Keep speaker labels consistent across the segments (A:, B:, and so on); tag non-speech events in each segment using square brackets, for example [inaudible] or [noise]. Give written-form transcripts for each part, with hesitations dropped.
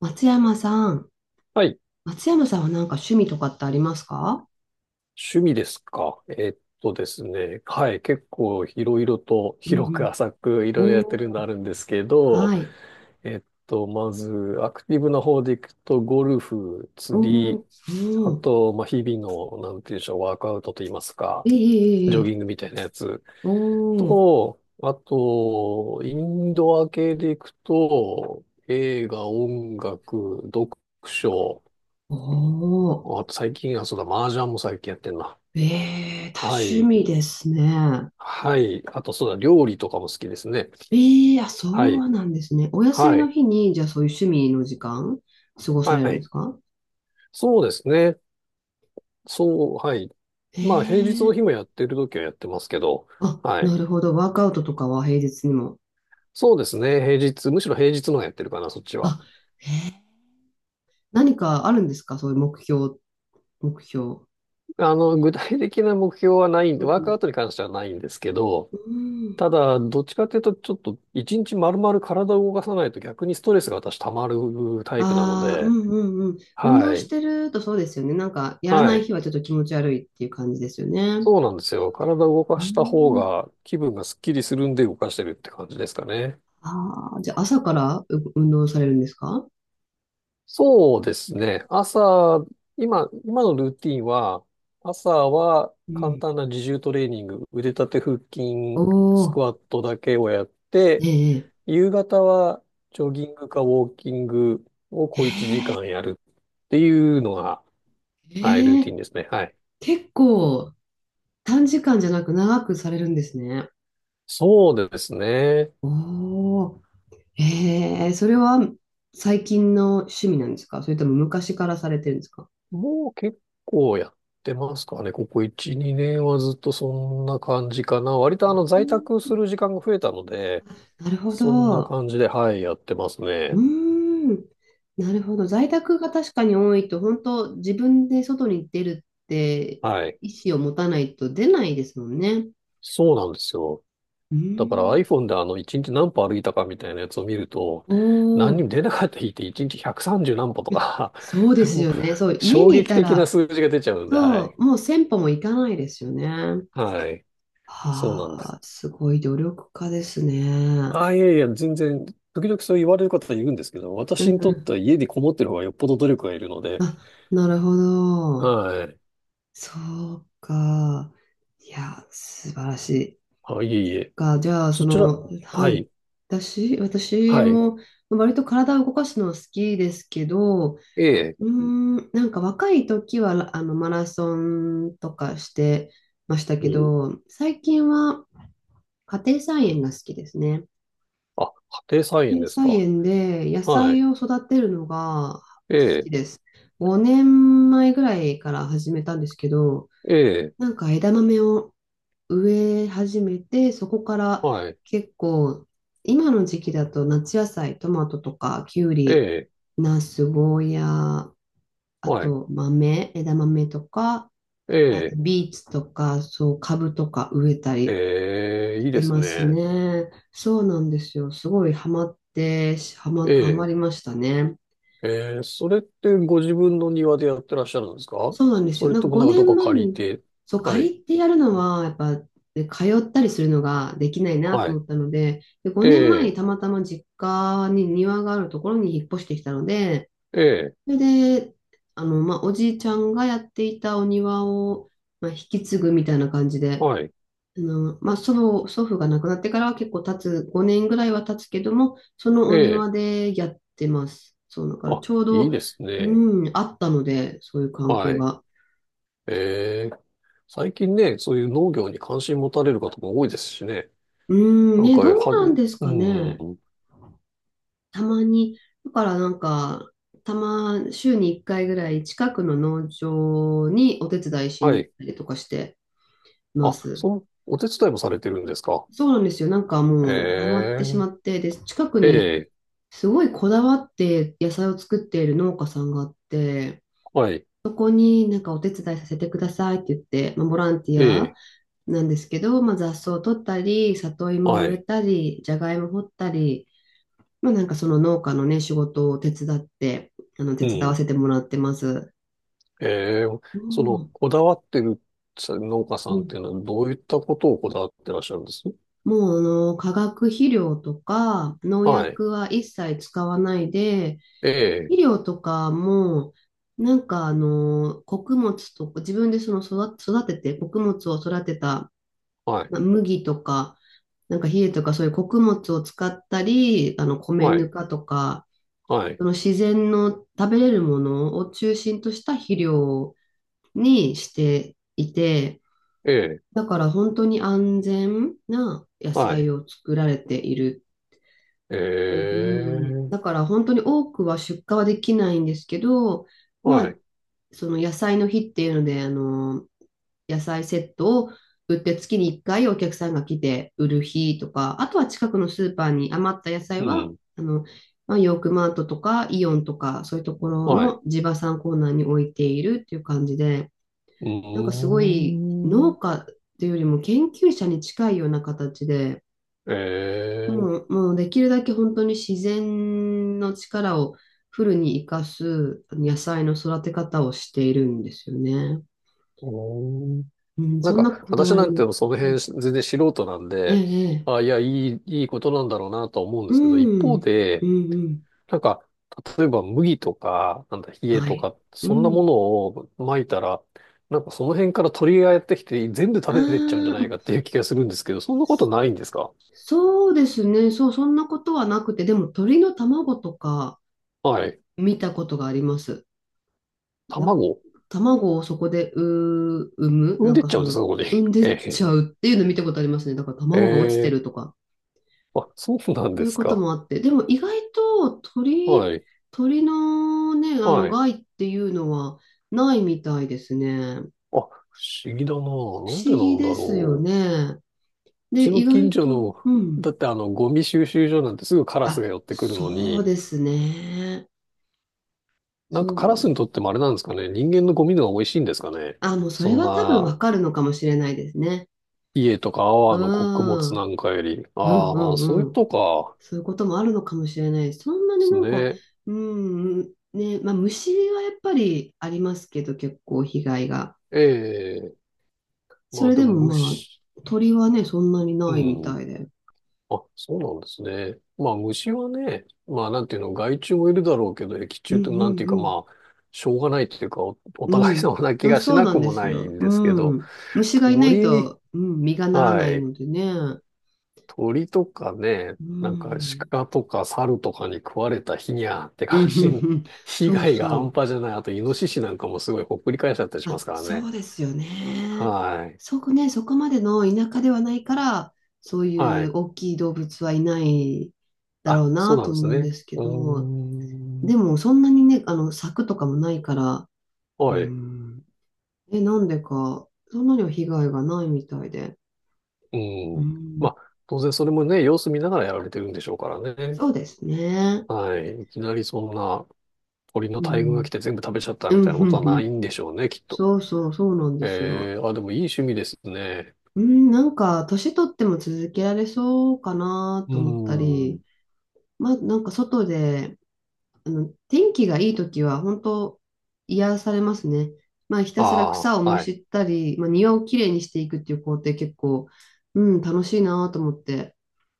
A: 松山さん。
B: はい。
A: 松山さんはなんか趣味とかってありますか？
B: 趣味ですか。えっとですね。はい。結構いろいろと [laughs]
A: う
B: 広く
A: ん、
B: 浅くい
A: う
B: ろいろ
A: ん。
B: やってる
A: お
B: の
A: ー、
B: あるんですけど、
A: はい。
B: まずアクティブな方でいくと、ゴルフ、釣
A: おー、
B: り、あ
A: おー、
B: と、まあ、日々の、なんていうんでしょう、ワークアウトといいますか、
A: ええええ
B: ジ
A: え
B: ョギン
A: え、
B: グみたいなやつ
A: おー、
B: と、あと、インドア系でいくと、映画、音楽、読書、
A: おー、
B: あと最近はそうだ、麻雀も最近やってんな。
A: ええ、多
B: は
A: 趣
B: い。
A: 味ですね。
B: はい。あと、そうだ、料理とかも好きですね。
A: ええ、あ、そ
B: はい。
A: うなんですね。お休み
B: は
A: の
B: い。
A: 日に、じゃあそういう趣味の時間、過ごさ
B: は
A: れるんで
B: い。
A: すか？
B: そうですね。そう、はい。まあ、平日
A: ええ、
B: の日もやってる時はやってますけど、
A: あ、
B: はい。
A: なるほど。ワークアウトとかは平日にも。
B: そうですね。平日、むしろ平日の方がやってるかな、そっちは。
A: あ、ええ、何かあるんですか？そういう目標、目標。
B: 具体的な目標はないん
A: う
B: で、ワークアウ
A: ん、
B: トに関してはないんですけど、
A: うん。
B: ただ、どっちかというと、ちょっと、一日丸々体を動かさないと逆にストレスが私溜まるタイプなの
A: ああ、う
B: で、
A: ん、うん、うん。運
B: は
A: 動し
B: い。
A: てるとそうですよね。なんか、やらな
B: は
A: い日
B: い。
A: はちょっと気持ち悪いっていう感じですよね。
B: そうなんですよ。体を動
A: う
B: かした方
A: ん。
B: が気分がスッキリするんで動かしてるって感じですかね。
A: ああ、じゃあ朝から運動されるんですか？
B: そうですね。朝、今のルーティンは、朝は
A: う
B: 簡
A: ん。
B: 単な自重トレーニング、腕立て腹
A: お
B: 筋、スク
A: お、
B: ワットだけをやっ
A: え
B: て、
A: え、
B: 夕方はジョギングかウォーキングを小1時間やるっていうのが、はい、ルー
A: え
B: テ
A: え、
B: ィンですね。はい。
A: 結構短時間じゃなく長くされるんですね。
B: そうですね。
A: おお、ええ、それは最近の趣味なんですか？それとも昔からされてるんですか？
B: もう結構やってますかね。ここ1、2年はずっとそんな感じかな。割と
A: う
B: 在宅
A: ん、
B: する時間が増えたので、
A: なるほ
B: そんな
A: ど。
B: 感じで、はい、やってます
A: う
B: ね。
A: ーん。なるほど。在宅が確かに多いと、本当自分で外に出るって
B: はい。
A: 意思を持たないと出ないですもんね。
B: そうなんですよ。
A: うー
B: だから
A: ん。
B: iPhone で1日何歩歩いたかみたいなやつを見ると、
A: お
B: 何に
A: お、
B: も出なかった日って1日130何歩とか
A: そうで
B: [laughs]
A: す
B: もう
A: よね。そう、家
B: 衝
A: にい
B: 撃
A: た
B: 的な
A: ら、
B: 数字が出ちゃうんで、は
A: そ
B: い。
A: う、もう1000歩も行かないですよね。
B: はい。そうなんで
A: は
B: す。
A: あ、すごい努力家ですね。
B: あ、いやいや、全然、時々そう言われる方いるんですけど、
A: うん、
B: 私にとっ
A: う
B: ては家にこもってる方がよっぽど努力がいるの
A: ん。
B: で、
A: あ、なるほど。
B: はい。
A: そうか。いや、素晴らしい。
B: あ、いえいえ。
A: じゃあ、そ
B: そちら、
A: の、は
B: は
A: い。
B: い、
A: 私、私
B: はい。
A: も、割と体を動かすのは好きですけど、う
B: ええ、
A: ーん、なんか若い時は、マラソンとかしてました
B: う
A: け
B: ん。
A: ど、最近は家庭菜園が好きですね。
B: あ、家庭菜
A: 家
B: 園
A: 庭
B: です
A: 菜
B: か。
A: 園で野
B: は
A: 菜
B: い。
A: を育てるのが
B: え
A: 好き
B: え、
A: です。5年前ぐらいから始めたんですけど、
B: ええ、
A: なんか枝豆を植え始めて、そこから
B: はい。
A: 結構、今の時期だと夏野菜、トマトとか、きゅう
B: え
A: り、
B: え、
A: ナス、ゴーヤー、あ
B: はい。
A: と豆、枝豆とか、
B: え
A: あと
B: え、
A: ビーツとか、そう、株とか植えたり
B: ええ、
A: し
B: いい
A: て
B: です
A: ます
B: ね。
A: ね。そうなんですよ。すごいハマって、
B: え
A: ハマ
B: え、
A: りましたね。
B: ええ、それってご自分の庭でやってらっしゃるんですか。
A: そうなん
B: そ
A: です
B: そ
A: よ。
B: れ
A: なんか
B: ともなんか
A: 5
B: どこか
A: 年前
B: 借り
A: に、
B: て。
A: そう、
B: は
A: 借
B: い、
A: りてやるのは、やっぱ、ね、通ったりするのができないなと
B: は
A: 思
B: い。
A: ったので、で、
B: え
A: 5年前に
B: え、
A: たまたま実家に庭があるところに引っ越してきたので、
B: ええ、
A: それで、まあ、おじいちゃんがやっていたお庭を、まあ、引き継ぐみたいな感じで、
B: はい。
A: まあ、祖母、祖父が亡くなってからは結構経つ、5年ぐらいは経つけども、そのお
B: ええ
A: 庭でやってます。そう、だから
B: あ、
A: ちょう
B: いい
A: ど、
B: ですね。
A: うん、あったので、そういう環
B: は
A: 境
B: い。
A: が。
B: えー、最近ね、そういう農業に関心持たれる方も多いですしね。
A: うーん、
B: なん
A: ね、
B: か、
A: どうなんです
B: う
A: かね。
B: ん。
A: たまに、だからなんか、週に1回ぐらい近くの農場にお手伝いし
B: は
A: に行っ
B: い。
A: たりとかしてま
B: あ、
A: す。
B: そう、お手伝いもされてるんですか。
A: そうなんですよ。なんかもうハマってしま
B: え
A: って、で、近くに
B: ー、ええ
A: すごいこだわって野菜を作っている農家さんがあって、
B: はい。
A: ここになんかお手伝いさせてくださいって言って、まあ、ボランティア
B: ええ
A: なんですけど、まあ、雑草を取ったり、里芋を
B: は
A: 植え
B: い。
A: たり、じゃがいも掘ったり、まあなんかその農家のね、仕事を手伝って、手
B: う
A: 伝わ
B: ん。
A: せてもらってます。
B: えー、その、
A: も
B: こだわってる農家さ
A: う、う
B: んっ
A: ん、
B: ていうのは、どういったことをこだわってらっしゃるんです
A: もう化学肥料とか農
B: はい。
A: 薬は一切使わないで、
B: ええ
A: 肥料とかも、なんか穀物とか、自分でその育てて、穀物を育てた、
B: はい。
A: まあ、麦とか、なんか稗とかそういう穀物を使ったり、米
B: は
A: ぬ
B: い。
A: かとか、
B: はい。
A: その自然の食べれるものを中心とした肥料にしていて、
B: ええ
A: だから本当に安全な野
B: はい。
A: 菜を作られている。うん、
B: ええ
A: だから本当に多くは出荷はできないんですけど、ま
B: は
A: あ、
B: い。
A: その野菜の日っていうので、野菜セットを売って月に1回お客さんが来て売る日とか、あとは近くのスーパーに余った野菜
B: う
A: は、
B: ん。
A: あの、まあ、ヨークマートとかイオンとかそういうところ
B: はい。
A: の地場産コーナーに置いているっていう感じで、
B: う
A: なんかすごい
B: ー
A: 農
B: ん。
A: 家っていうよりも研究者に近いような形で、
B: ええ
A: もうできるだけ本当に自然の力をフルに活かす野菜の育て方をしているんですよね。
B: うーん。
A: うん、
B: なん
A: そんな
B: か、
A: こだ
B: 私
A: わ
B: な
A: り
B: んて
A: も。
B: その
A: うん、
B: 辺全然素人なん
A: え
B: で、
A: え、ええ、
B: あ、いや、いいことなんだろうなとは思うんで
A: う
B: すけど、一
A: ん、う
B: 方
A: ん、う
B: で、
A: ん、
B: なんか、例えば麦とか、なんだ、冷え
A: は
B: と
A: い。
B: か、
A: う
B: そんなも
A: ん。
B: のを撒いたら、なんかその辺から鳥がやってきて全部食
A: あ
B: べてっちゃうんじゃない
A: あ、
B: かっていう気がするんですけど、そんなことないんですか。
A: そうですね。そう、そんなことはなくて、でも鳥の卵とか
B: はい。
A: 見たことがあります。
B: 卵
A: 卵をそこで産む、
B: 産ん
A: なん
B: でっ
A: か
B: ちゃ
A: そ
B: うんです
A: の、
B: か、ここに。
A: 産ん
B: [laughs] え
A: でっちゃ
B: え
A: うっていうの見たことありますね。だから卵が落ちて
B: ええ
A: るとか、
B: あ、そうなん
A: そ
B: で
A: ういう
B: す
A: こと
B: か。
A: もあって。でも意外と鳥、
B: はい。
A: のね、
B: はい。あ、
A: 害っていうのはないみたいですね。
B: 不思議だな。
A: 不
B: なん
A: 思
B: でな
A: 議
B: んだ
A: ですよ
B: ろう。う
A: ね。
B: ち
A: で、
B: の
A: 意
B: 近
A: 外
B: 所
A: と、う
B: の、
A: ん。
B: だってゴミ収集所なんてすぐカラス
A: あ、
B: が寄ってくるの
A: そう
B: に、
A: ですね。
B: なん
A: そ
B: かカラスに
A: う。
B: とってもあれなんですかね。人間のゴミの方が美味しいんですかね。
A: あ、もうそれ
B: そん
A: は多分
B: な、
A: わかるのかもしれないですね。
B: 家とか
A: う
B: 泡の穀
A: ん。
B: 物
A: うん、
B: なんかより。
A: う
B: ああ、そう
A: ん、
B: いう
A: う
B: こ
A: ん。
B: とか。
A: そういうこともあるのかもしれない。そんな
B: で
A: に
B: す
A: なんか、
B: ね。
A: うん、ね、まあ虫はやっぱりありますけど、結構被害が。
B: ええま
A: そ
B: あ
A: れ
B: で
A: で
B: も
A: もま
B: 虫、
A: あ、鳥はね、そんなに
B: う
A: ないみ
B: ん。
A: たいで。
B: あ、そうなんですね。まあ虫はね、まあなんていうの、害虫もいるだろうけど、益
A: う
B: 虫
A: ん、
B: ってなんていうか
A: うん、
B: まあ、しょうがないっていうか、[laughs] お
A: う
B: 互い
A: ん。
B: 様な
A: う
B: 気
A: ん。あ、
B: がし
A: そう
B: な
A: な
B: く
A: んで
B: も
A: す
B: ない
A: よ。
B: んですけ
A: う
B: ど、
A: ん。虫がいない
B: 鳥に、
A: と、うん、実がなら
B: は
A: ない
B: い、
A: のでね。
B: 鳥とかね、
A: う
B: なんか
A: ん。
B: 鹿とか猿とかに食われた日にゃーって
A: うん、う
B: 感
A: ん、
B: じ、
A: うん。
B: [laughs] 被
A: そう
B: 害が
A: そ
B: 半
A: う。
B: 端じゃない。あとイノシシなんかもすごいほっくり返しちゃったりしま
A: あ、
B: すから
A: そ
B: ね。
A: うですよね。
B: はい。
A: そこね、そこまでの田舎ではないから、そうい
B: は
A: う
B: い。
A: 大きい動物はいないだ
B: あ、
A: ろう
B: そう
A: な
B: な
A: と
B: んで
A: 思
B: す
A: うん
B: ね。
A: ですけ
B: うー
A: ど、で
B: ん。
A: もそんなにね、柵とかもないから、う
B: はい。
A: ん、なんでか、そんなには被害がないみたいで。
B: う
A: う
B: ん。ま
A: ん、
B: あ、当然それもね、様子見ながらやられてるんでしょうからね。
A: そうですね。
B: はい。いきなりそんな鳥の
A: う
B: 大群が
A: ん、
B: 来て全部食べちゃった
A: うん、
B: みたいな
A: う
B: ことは
A: ん、う
B: ない
A: ん、
B: んでしょうね、きっと。
A: そうそう、そうなんですよ。
B: えー、あ、でもいい趣味ですね。
A: うん、なんか、年取っても続けられそうかな
B: う
A: と思った
B: ー
A: り、
B: ん。
A: まあ、なんか外で、天気がいい時は本当癒されますね。まあ、ひたすら
B: あ
A: 草を
B: あ、
A: む
B: は
A: し
B: い。
A: ったり、まあ、庭をきれいにしていくっていう工程結構、うん、楽しいなと思って、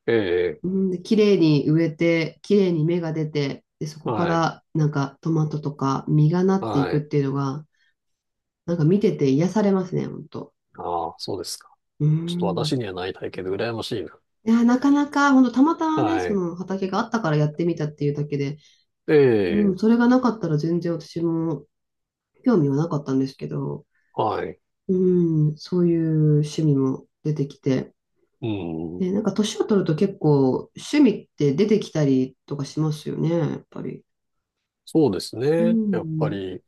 B: ええ、
A: うん、で、きれいに植えて、きれいに芽が出て、で、そこか
B: はい。
A: らなんかトマトとか実がなってい
B: は
A: くっ
B: い。
A: ていうのが、なんか見てて癒されますね、本当。
B: ああ、そうですか。
A: う
B: ちょっと私
A: ん。
B: にはない体験で羨ましいな。
A: いや、なかなか、本当たまたまね、
B: は
A: そ
B: い。
A: の畑があったからやってみたっていうだけで、
B: え
A: う
B: え、
A: ん、それがなかったら全然私も興味はなかったんですけど、
B: はい。
A: うん、そういう趣味も出てきて。
B: うん。
A: で、なんか年を取ると結構趣味って出てきたりとかしますよね、やっぱり。
B: そうです
A: う
B: ね。やっぱ
A: ん、
B: り、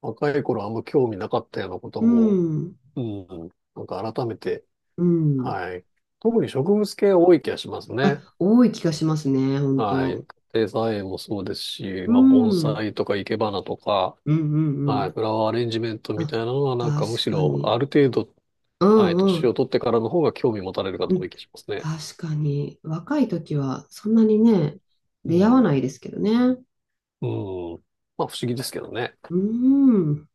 B: 若い頃あんま興味なかったようなこと
A: う
B: も、
A: ん、
B: うん。なんか改めて、
A: うん。
B: はい。特に植物系多い気がしますね。
A: あ、多い気がしますね、本
B: は
A: 当。
B: い。家庭菜園もそうですし、
A: う
B: まあ、盆
A: ん、うん、
B: 栽とか生け花とか、
A: うん、う
B: はい。
A: ん。
B: フラワーアレンジメントみ
A: あ、
B: たいなのは、なんかむ
A: 確
B: し
A: か
B: ろ、ある
A: に。
B: 程度、
A: う
B: はい。
A: ん、う
B: 年を
A: ん、
B: 取ってからの方が興味持たれる
A: う
B: 方多い
A: ん。
B: 気がしますね。
A: 確かに。若い時はそんなにね、
B: う
A: 出会わ
B: ん。
A: ないですけどね。
B: うん。まあ、不思議ですけどね。
A: うん。